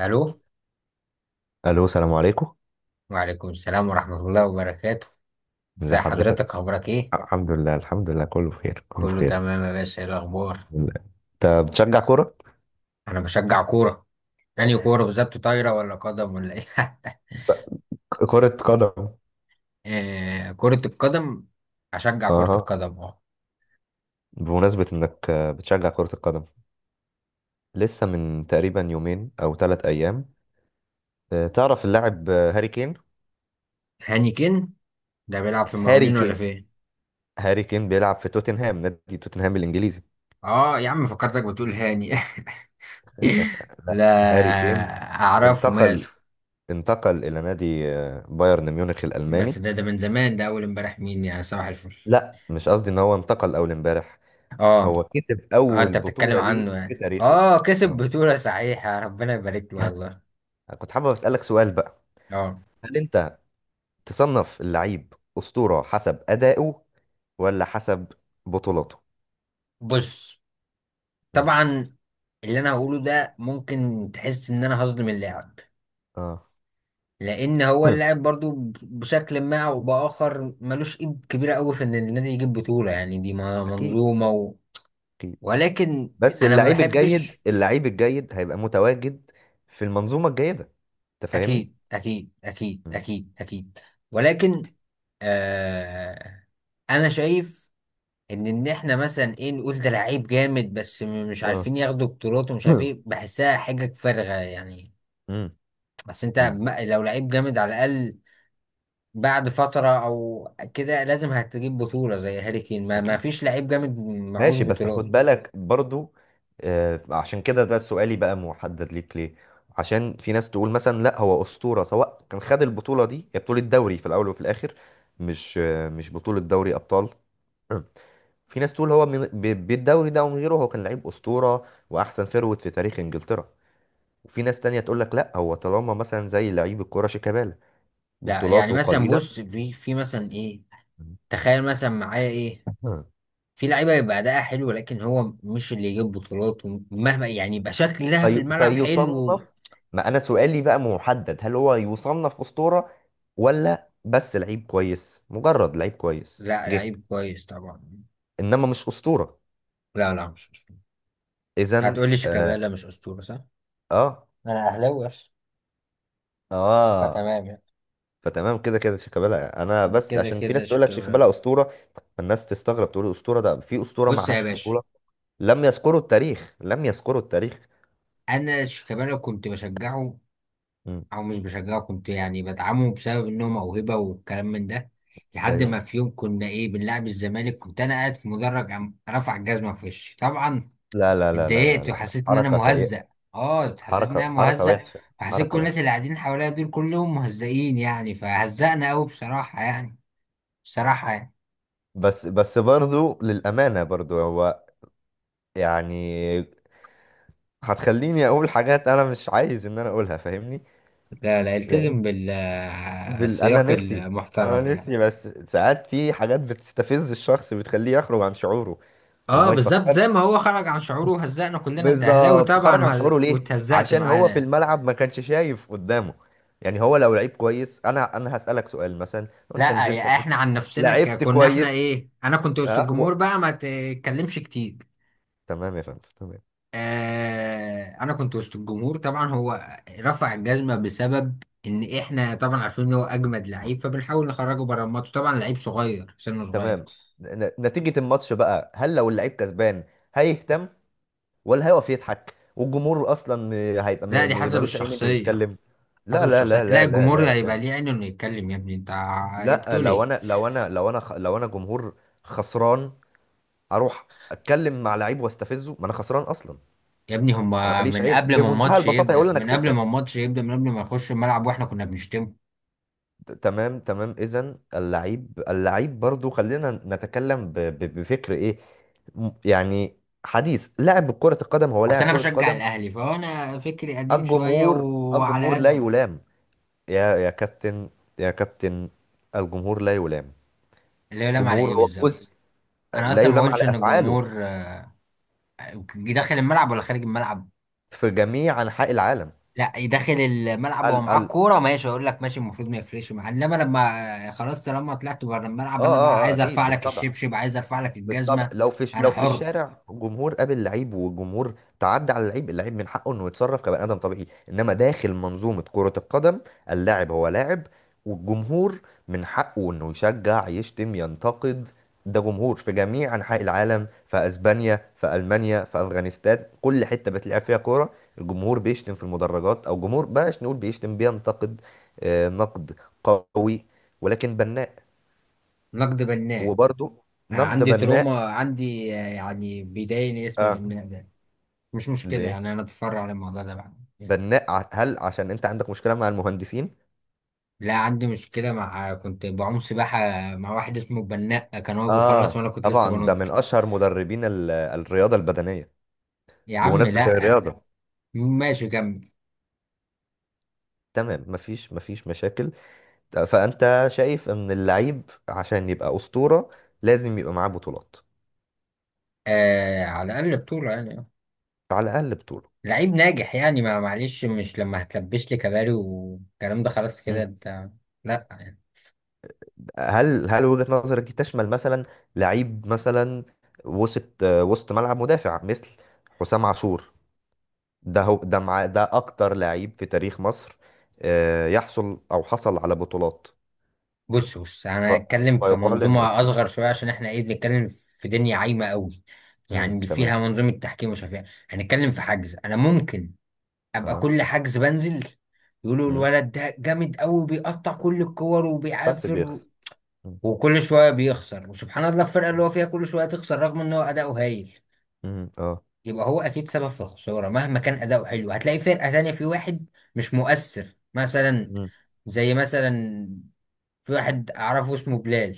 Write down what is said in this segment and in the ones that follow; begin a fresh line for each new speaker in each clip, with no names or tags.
الو.
الو، السلام عليكم.
وعليكم السلام ورحمة الله وبركاته.
ازي
ازي
حضرتك؟
حضرتك، اخبارك ايه؟
الحمد لله، الحمد لله، كله بخير، كله
كله
بخير.
تمام يا باشا، ايه الاخبار؟
انت بتشجع كرة؟
انا بشجع كورة. يعني كورة بالظبط طايرة ولا قدم ولا ايه؟
كرة قدم.
آه، كرة القدم. اشجع كرة
اها.
القدم، اه.
بمناسبة انك بتشجع كرة القدم، لسه من تقريبا يومين او 3 ايام، تعرف اللاعب هاري كين؟
هاني كين؟ ده بيلعب في
هاري
المقاولين ولا
كين.
فين؟
هاري كين بيلعب في توتنهام، نادي توتنهام الانجليزي.
اه يا عم، فكرتك بتقول هاني. لا.
هاري كين
اعرفه ماله.
انتقل انتقل الى نادي بايرن ميونخ
بس
الالماني.
ده من زمان، ده اول امبارح، مين يعني؟ صباح الفل.
لا، مش قصدي ان هو انتقل اول امبارح.
اه.
هو كسب
اه،
أول
انت بتتكلم
بطولة
عنه؟
ليه في
يعني
تاريخه.
كسب
آه.
بطولة، صحيح، يا ربنا يبارك له والله.
كنت حابب أسألك سؤال بقى.
اه،
هل أنت تصنف اللعيب أسطورة حسب أدائه ولا حسب بطولاته؟
بص،
مم.
طبعا اللي انا هقوله ده ممكن تحس ان انا هظلم اللاعب.
اه.
لان هو اللاعب برضو بشكل ما او باخر ملوش ايد كبيرة قوي في ان النادي يجيب بطولة، يعني دي
أكيد،
منظومة.
أكيد.
ولكن
بس
انا ما
اللعيب الجيد،
بحبش.
اللعيب الجيد هيبقى متواجد في المنظومة الجيدة. أنت فاهمني؟
اكيد اكيد اكيد
مم.
اكيد اكيد. ولكن آه انا شايف ان احنا مثلا ايه نقول ده لعيب جامد، بس مش
اه.
عارفين ياخدوا بطولات، ومش عارفين إيه، بحسها حاجة فارغة يعني.
مم.
بس انت
مم.
لو لعيب جامد، على الاقل بعد فترة او كده لازم هتجيب بطولة، زي هاري كين، ما
أكيد.
فيش لعيب جامد معهوش
ماشي، بس خد
بطولات.
بالك برضو، عشان كده ده سؤالي بقى محدد ليك ليه. عشان في ناس تقول مثلا لا، هو أسطورة سواء كان خد البطولة دي، هي بطولة دوري في الأول وفي الآخر، مش بطولة دوري أبطال. في ناس تقول هو بالدوري ده ومن غيره هو كان لعيب أسطورة وأحسن فيرود في تاريخ إنجلترا. وفي ناس تانية تقول لك لا، هو طالما مثلا زي لعيب الكرة شيكابالا
لا، يعني
بطولاته
مثلا
قليلة.
بص، في مثلا ايه تخيل مثلا معايا ايه؟ في لعيبة يبقى أداءها حلو لكن هو مش اللي يجيب بطولات، ومهما يعني يبقى شكلها في الملعب حلو.
فيصنف. ما انا سؤالي بقى محدد، هل هو يصنف اسطورة ولا بس لعيب كويس، مجرد لعيب كويس
لا،
جه
لعيب كويس طبعا.
انما مش اسطورة.
لا لا، مش
اذا.
هتقولي
اه،
شيكابالا مش اسطوره؟ صح.
اه.
انا اهلاوي بس.
آه.
فتمام يعني.
فتمام، كده كده شيكابالا. انا بس
كده
عشان في
كده
ناس تقول لك
شيكابالا.
شيكابالا اسطورة، فالناس تستغرب، تقول اسطورة ده؟ في اسطورة
بص يا
معهاش
باشا،
بطولة؟ لم يذكروا التاريخ، لم يذكروا التاريخ.
انا شيكابالا كنت بشجعه،
مم.
او مش بشجعه، كنت يعني بدعمه بسبب انه موهبه والكلام من ده. لحد ما
ايوه.
في يوم كنا ايه بنلعب الزمالك، كنت انا قاعد في مدرج قام رفع الجزمه في وشي طبعا.
لا لا لا لا لا لا
اتضايقت
لا.
وحسيت ان انا
حركة سيئة.
مهزأ. اه، حسيت ان انا
حركة، حركة
مهزأ.
وحشة.
وحسيت كل
حركة
الناس
وحشة.
اللي قاعدين حواليا دول كلهم مهزئين يعني، فهزأنا قوي بصراحه يعني. بصراحه يعني.
بس برضو للأمانة، برضو هو يعني هتخليني أقول حاجات أنا مش عايز إن أنا أقولها، فاهمني؟
لا لا،
لأن
التزم
بال... أنا
بالسياق
نفسي أنا
المحترم يعني.
نفسي بس ساعات في حاجات بتستفز الشخص، بتخليه يخرج عن شعوره
اه،
وما
بالظبط، زي
يفكرش.
ما هو خرج عن شعوره وهزقنا كلنا، انت اهلاوي
بالظبط،
طبعا
خرج عن شعوره ليه؟
واتهزقت
عشان هو في
معانا.
الملعب ما كانش شايف قدامه. يعني هو لو لعيب كويس، أنا هسألك سؤال، مثلا لو أنت
لا،
نزلت
يا
ماتش،
احنا عن نفسنا
لعبت
كنا احنا
كويس،
ايه، انا كنت وسط
أه
الجمهور بقى، ما تتكلمش كتير.
تمام يا فندم، تمام.
آه، انا كنت وسط الجمهور، طبعا هو رفع الجزمة بسبب ان احنا طبعا عارفين ان هو اجمد لعيب، فبنحاول نخرجه بره الماتش، طبعا لعيب صغير سنه صغير.
تمام، نتيجة الماتش بقى، هل لو اللعيب كسبان هيهتم ولا هيقف يضحك؟ والجمهور اصلا هيبقى
لا، دي حسب
ملوش عين انه
الشخصية.
يتكلم. لا
حسب
لا لا
الشخصية، لا
لا لا لا
الجمهور هيبقى
لا
ليه عينه انه يتكلم، يا ابني انت
لا،
بتقول
لو
ايه؟
انا لو انا لو انا خ- لو انا جمهور خسران، اروح اتكلم مع لعيب واستفزه؟ ما انا خسران اصلا.
يا ابني،
انا
هما
ماليش
من
عين
قبل ما
بمنتهى
الماتش
البساطة، هيقول
يبدأ،
لي انا
من قبل ما
كسبتك.
الماتش يبدأ، من قبل ما يخش الملعب واحنا كنا بنشتمه.
تمام، تمام. اذا اللعيب، اللعيب برضو خلينا نتكلم، بفكر ايه؟ يعني حديث لاعب كرة القدم. هو
بس
لاعب
انا
كرة
بشجع
قدم.
الاهلي فانا فكري قديم شوية
الجمهور،
وعلى
الجمهور لا
قدي.
يلام. يا كابتن، يا كابتن، الجمهور لا يلام.
اللي هو لام على
جمهور
ايه
هو جزء،
بالظبط؟ انا
لا
اصلا ما
يلام
قلتش
على
ان
أفعاله
الجمهور داخل الملعب ولا خارج الملعب.
في جميع أنحاء العالم.
لا، يدخل الملعب
ال
وهو معاه
ال آه
الكورة ماشي، اقول لك ماشي، المفروض ما يفرقش معاه، انما لما خلاص طالما طلعت بره الملعب
آه
انا بقى
آه
عايز
أكيد،
ارفع لك
بالطبع،
الشبشب، عايز ارفع لك
بالطبع.
الجزمة.
لو في
انا
لو في
حر.
الشارع جمهور قابل لعيب والجمهور تعدى على اللعيب، اللعيب من حقه انه يتصرف كبني ادم طبيعي. انما داخل منظومه كره القدم، اللاعب هو لاعب، والجمهور من حقه انه يشجع، يشتم، ينتقد. ده جمهور في جميع انحاء العالم، في اسبانيا، في المانيا، في افغانستان. كل حته بتلعب فيها كوره، الجمهور بيشتم في المدرجات. او جمهور بلاش نقول بيشتم، بينتقد. نقد قوي ولكن بناء.
نقد بناء.
وبرضه
انا
نقد
عندي
بناء.
تروما، عندي يعني بيضايقني اسم
آه.
بناء ده. مش مشكله
ليه؟
يعني، انا اتفرع على الموضوع ده بعد.
بناء، هل عشان انت عندك مشكلة مع المهندسين؟
لا، عندي مشكله، مع كنت بعوم سباحه مع واحد اسمه بناء، كان هو بيخلص
اه
وانا كنت لسه
طبعا، ده من
بنط.
اشهر مدربين الرياضة البدنية.
يا عم
بمناسبة
لا.
الرياضة.
ماشي كمل.
تمام، مفيش مشاكل. فانت شايف ان اللعيب عشان يبقى أسطورة لازم يبقى معاه بطولات.
آه، على الاقل بطوله يعني.
على الاقل بطولة.
لعيب ناجح يعني، ما معلش، مش لما هتلبش لي كباري والكلام ده، خلاص كده
مم.
انت. لا.
هل وجهة نظرك دي تشمل مثلا لعيب مثلا وسط ملعب، مدافع، مثل حسام عاشور؟ ده هو ده مع ده اكتر لعيب في تاريخ مصر، يحصل او حصل على بطولات
بص بص،
ف-
انا هتكلم في
فيقال انه
منظومه
اسطوره؟
اصغر شويه، عشان احنا ايه بنتكلم في دنيا عايمه قوي، يعني اللي
تمام.
فيها منظومه تحكيم ومش عارف ايه. هنتكلم في حجز، انا ممكن ابقى
اه،
كل حجز بنزل يقولوا
امم
الولد ده جامد قوي بيقطع كل الكور
بس
وبيعافر،
بيخسر. مم.
وكل شويه بيخسر، وسبحان الله الفرقه اللي هو فيها كل شويه تخسر، رغم ان هو اداؤه هايل.
مم. اه.
يبقى هو اكيد سبب في الخساره، مهما كان اداؤه حلو هتلاقي فرقه تانية في واحد مش مؤثر مثلا.
مم.
زي مثلا في واحد اعرفه اسمه بلال،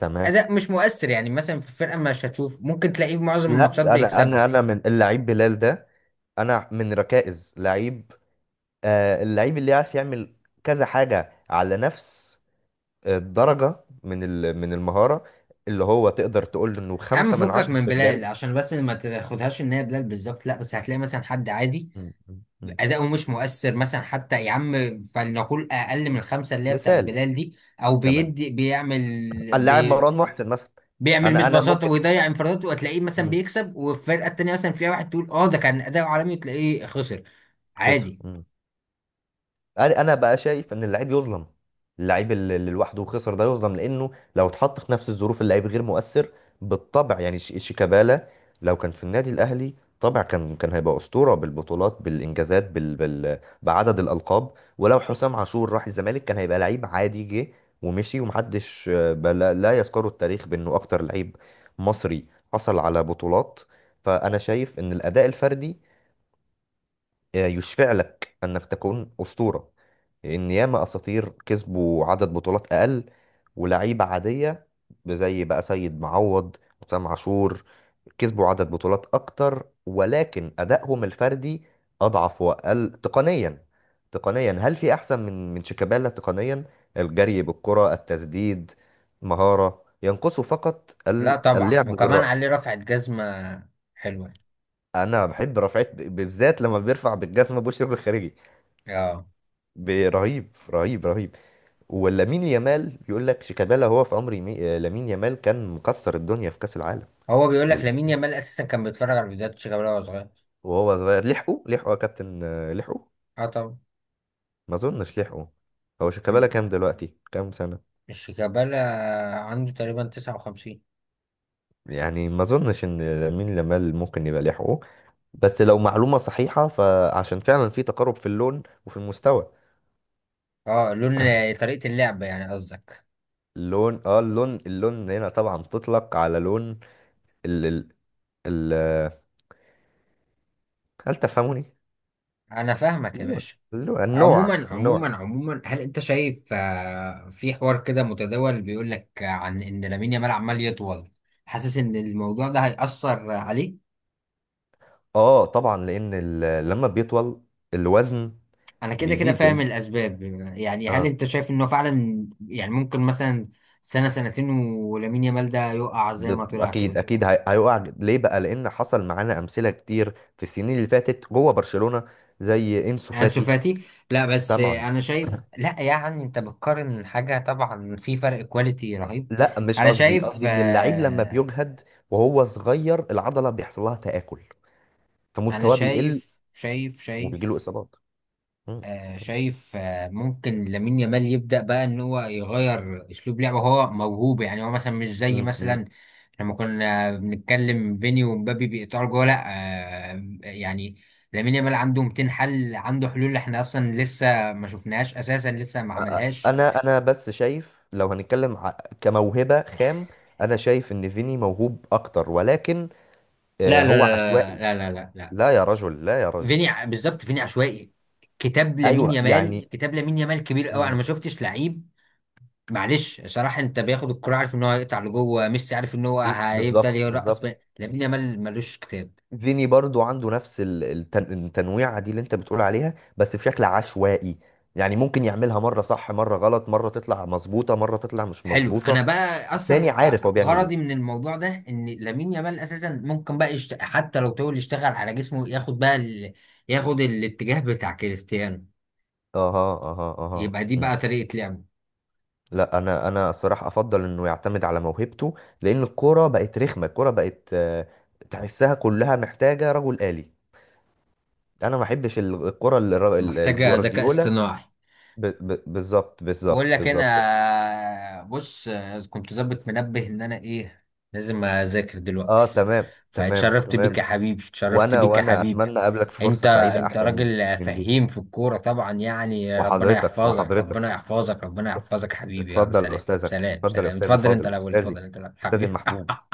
تمام.
اداء مش مؤثر، يعني مثلا في الفرقه مش هتشوف، ممكن تلاقيه في معظم الماتشات
لا، انا انا
بيكسبها.
انا من اللعيب بلال ده. انا من ركائز لعيب، اللعيب اللي يعرف يعمل كذا حاجه على نفس الدرجه من المهاره. اللي هو تقدر تقول انه
يا عم
خمسة من
فكك
عشرة
من
في
بلال
الجري.
عشان بس ما تاخدهاش ان هي بلال بالظبط، لا بس هتلاقي مثلا حد عادي
مم. مم. مم.
اداؤه مش مؤثر مثلا، حتى يا عم فلنقول اقل من الخمسه اللي هي بتاعت
مثال.
بلال دي، او
تمام،
بيدي بيعمل
اللاعب
بي
مروان محسن مثلا.
بيعمل
انا
مش
انا
بساطه
ممكن.
ويضيع انفراداته، وتلاقيه مثلا
مم.
بيكسب، والفرقه التانيه مثلا فيها واحد تقول ده كان اداؤه عالمي، وتلاقيه خسر.
خسر.
عادي.
انا بقى شايف ان اللعيب يظلم، اللعيب اللي لوحده خسر ده يظلم، لانه لو اتحط في نفس الظروف اللعيب غير مؤثر. بالطبع يعني شيكابالا لو كان في النادي الاهلي طبعا كان هيبقى اسطوره، بالبطولات، بالانجازات، بعدد الالقاب. ولو حسام عاشور راح الزمالك كان هيبقى لعيب عادي جه ومشي، ومحدش لا يذكره التاريخ بانه اكتر لعيب مصري حصل على بطولات. فانا شايف ان الاداء الفردي يشفع لك انك تكون اسطوره، لان ياما اساطير كسبوا عدد بطولات اقل ولاعيبه عاديه، زي بقى سيد معوض، وسام عاشور، كسبوا عدد بطولات اكتر ولكن ادائهم الفردي اضعف واقل تقنيا. تقنيا، هل في احسن من شيكابالا تقنيا؟ الجري بالكره، التسديد، مهاره، ينقصه فقط
لا طبعا،
اللعب
وكمان
بالراس.
عليه رفعت جزمه حلوه.
انا بحب رفعت بالذات لما بيرفع بالجسم بوش رجله الخارجي،
اه،
رهيب، رهيب، رهيب. ولامين يامال بيقول لك شيكابالا هو في عمر لامين يامال كان مكسر الدنيا في كأس العالم.
هو بيقول لك
للأسف.
لامين يامال اساسا كان بيتفرج على فيديوهات شيكابالا وهو صغير.
وهو صغير، لحقه، لحقه يا كابتن، لحقه.
اه طبعا.
ما اظنش لحقه. هو شيكابالا
مم.
كام دلوقتي؟ كام سنة؟
شيكابالا عنده تقريبا 59.
يعني ما اظنش ان لامين يامال ممكن يبقى لحقه. بس لو معلومة صحيحة فعشان فعلا في تقارب في اللون وفي المستوى.
اه، لون، طريقة اللعب يعني قصدك.
اللون اه اللون اللون هنا طبعا تطلق على لون ال... ال... ال... هل تفهموني؟
انا فاهمك يا
اللون،
باشا.
النوع،
عموما
النوع.
عموما عموما، هل انت شايف في حوار كده متداول بيقول لك عن ان لامين يامال عمال يطول، حاسس ان الموضوع ده هيأثر عليه؟
اه طبعا، لان لما بيطول الوزن
انا كده كده
بيزيد.
فاهم
لان
الاسباب. يعني هل
آه
انت شايف انه فعلا يعني ممكن مثلا سنة سنتين ولامين يامال ده يقع زي ما طلع
اكيد،
كده؟
اكيد هيقع ليه بقى، لان حصل معانا امثله كتير في السنين اللي فاتت جوه برشلونه، زي انسو
انسو
فاتي.
فاتي. لا بس
طبعا.
انا شايف، لا يعني انت بتقارن حاجه طبعا في فرق كواليتي رهيب.
لا مش
انا
قصدي
شايف
قصدي ان اللعيب لما
آه
بيجهد وهو صغير العضله بيحصل لها تاكل،
انا
فمستواه بيقل
شايف شايف
وبيجي له
شايف.
اصابات. مم.
شايف، ممكن لامين يامال يبدا بقى ان هو يغير اسلوب لعبه، هو موهوب يعني، هو مثلا مش زي
مم. مم.
مثلا لما كنا بنتكلم فيني ومبابي بيقطعوا جوه، لا. يعني لامين يامال عنده 200 حل، عنده حلول احنا اصلا لسه ما شفناهاش اساسا، لسه ما
أ- أ-
عملهاش.
انا انا بس شايف لو هنتكلم كموهبه خام، انا شايف ان فيني موهوب اكتر ولكن
لا لا
هو عشوائي.
لا لا لا لا لا لا.
لا يا رجل، لا يا رجل.
فيني بالظبط فيني عشوائي. كتاب لامين
ايوه يعني.
يامال،
يعني.
كتاب لامين يامال كبير قوي، انا
مم.
ما شفتش لعيب، معلش صراحة، انت بياخد الكرة عارف ان هو هيقطع لجوه، ميسي عارف ان هو
إيه،
هيفضل
بالظبط،
يرقص
بالظبط.
بقى. لامين يامال ملوش كتاب.
فيني برضو عنده نفس التنويعه دي اللي انت بتقول عليها بس بشكل عشوائي. يعني ممكن يعملها مره صح مره غلط، مره تطلع مظبوطه مره تطلع مش
حلو، انا
مظبوطه.
بقى
تاني،
اصلا
عارف هو بيعمل
غرضي
ايه.
من الموضوع ده ان لامين يامال اساسا ممكن بقى حتى لو طول يشتغل على جسمه، ياخد بقى ياخد الاتجاه بتاع كريستيانو.
اها، اها، اها.
يبقى دي
مم.
بقى طريقة لعبه.
لا، انا الصراحه افضل انه يعتمد على موهبته، لان الكوره بقت رخمه، الكوره بقت آه، تحسها كلها محتاجه رجل آلي. انا ما احبش الكره،
محتاجة ذكاء
الجوارديولا.
اصطناعي.
بالظبط،
بقول
بالظبط،
لك،
بالظبط.
انا بص، كنت ظابط منبه ان انا ايه لازم اذاكر دلوقتي.
اه، تمام، تمام،
فاتشرفت بيك يا
تمام.
حبيبي، اتشرفت
وانا
بيك يا
وانا
حبيبي.
اتمنى اقابلك في
انت
فرصة سعيدة
انت
احسن من
راجل
من دي.
فهيم في الكورة طبعا يعني، ربنا
وحضرتك،
يحفظك،
وحضرتك.
ربنا يحفظك، ربنا يحفظك حبيبي، يلا
اتفضل
سلام
استاذك.
سلام
اتفضل يا
سلام،
استاذي،
اتفضل انت
فاضل
الاول،
استاذي.
اتفضل انت الاول
استاذي
حبيبي.
المحبوب.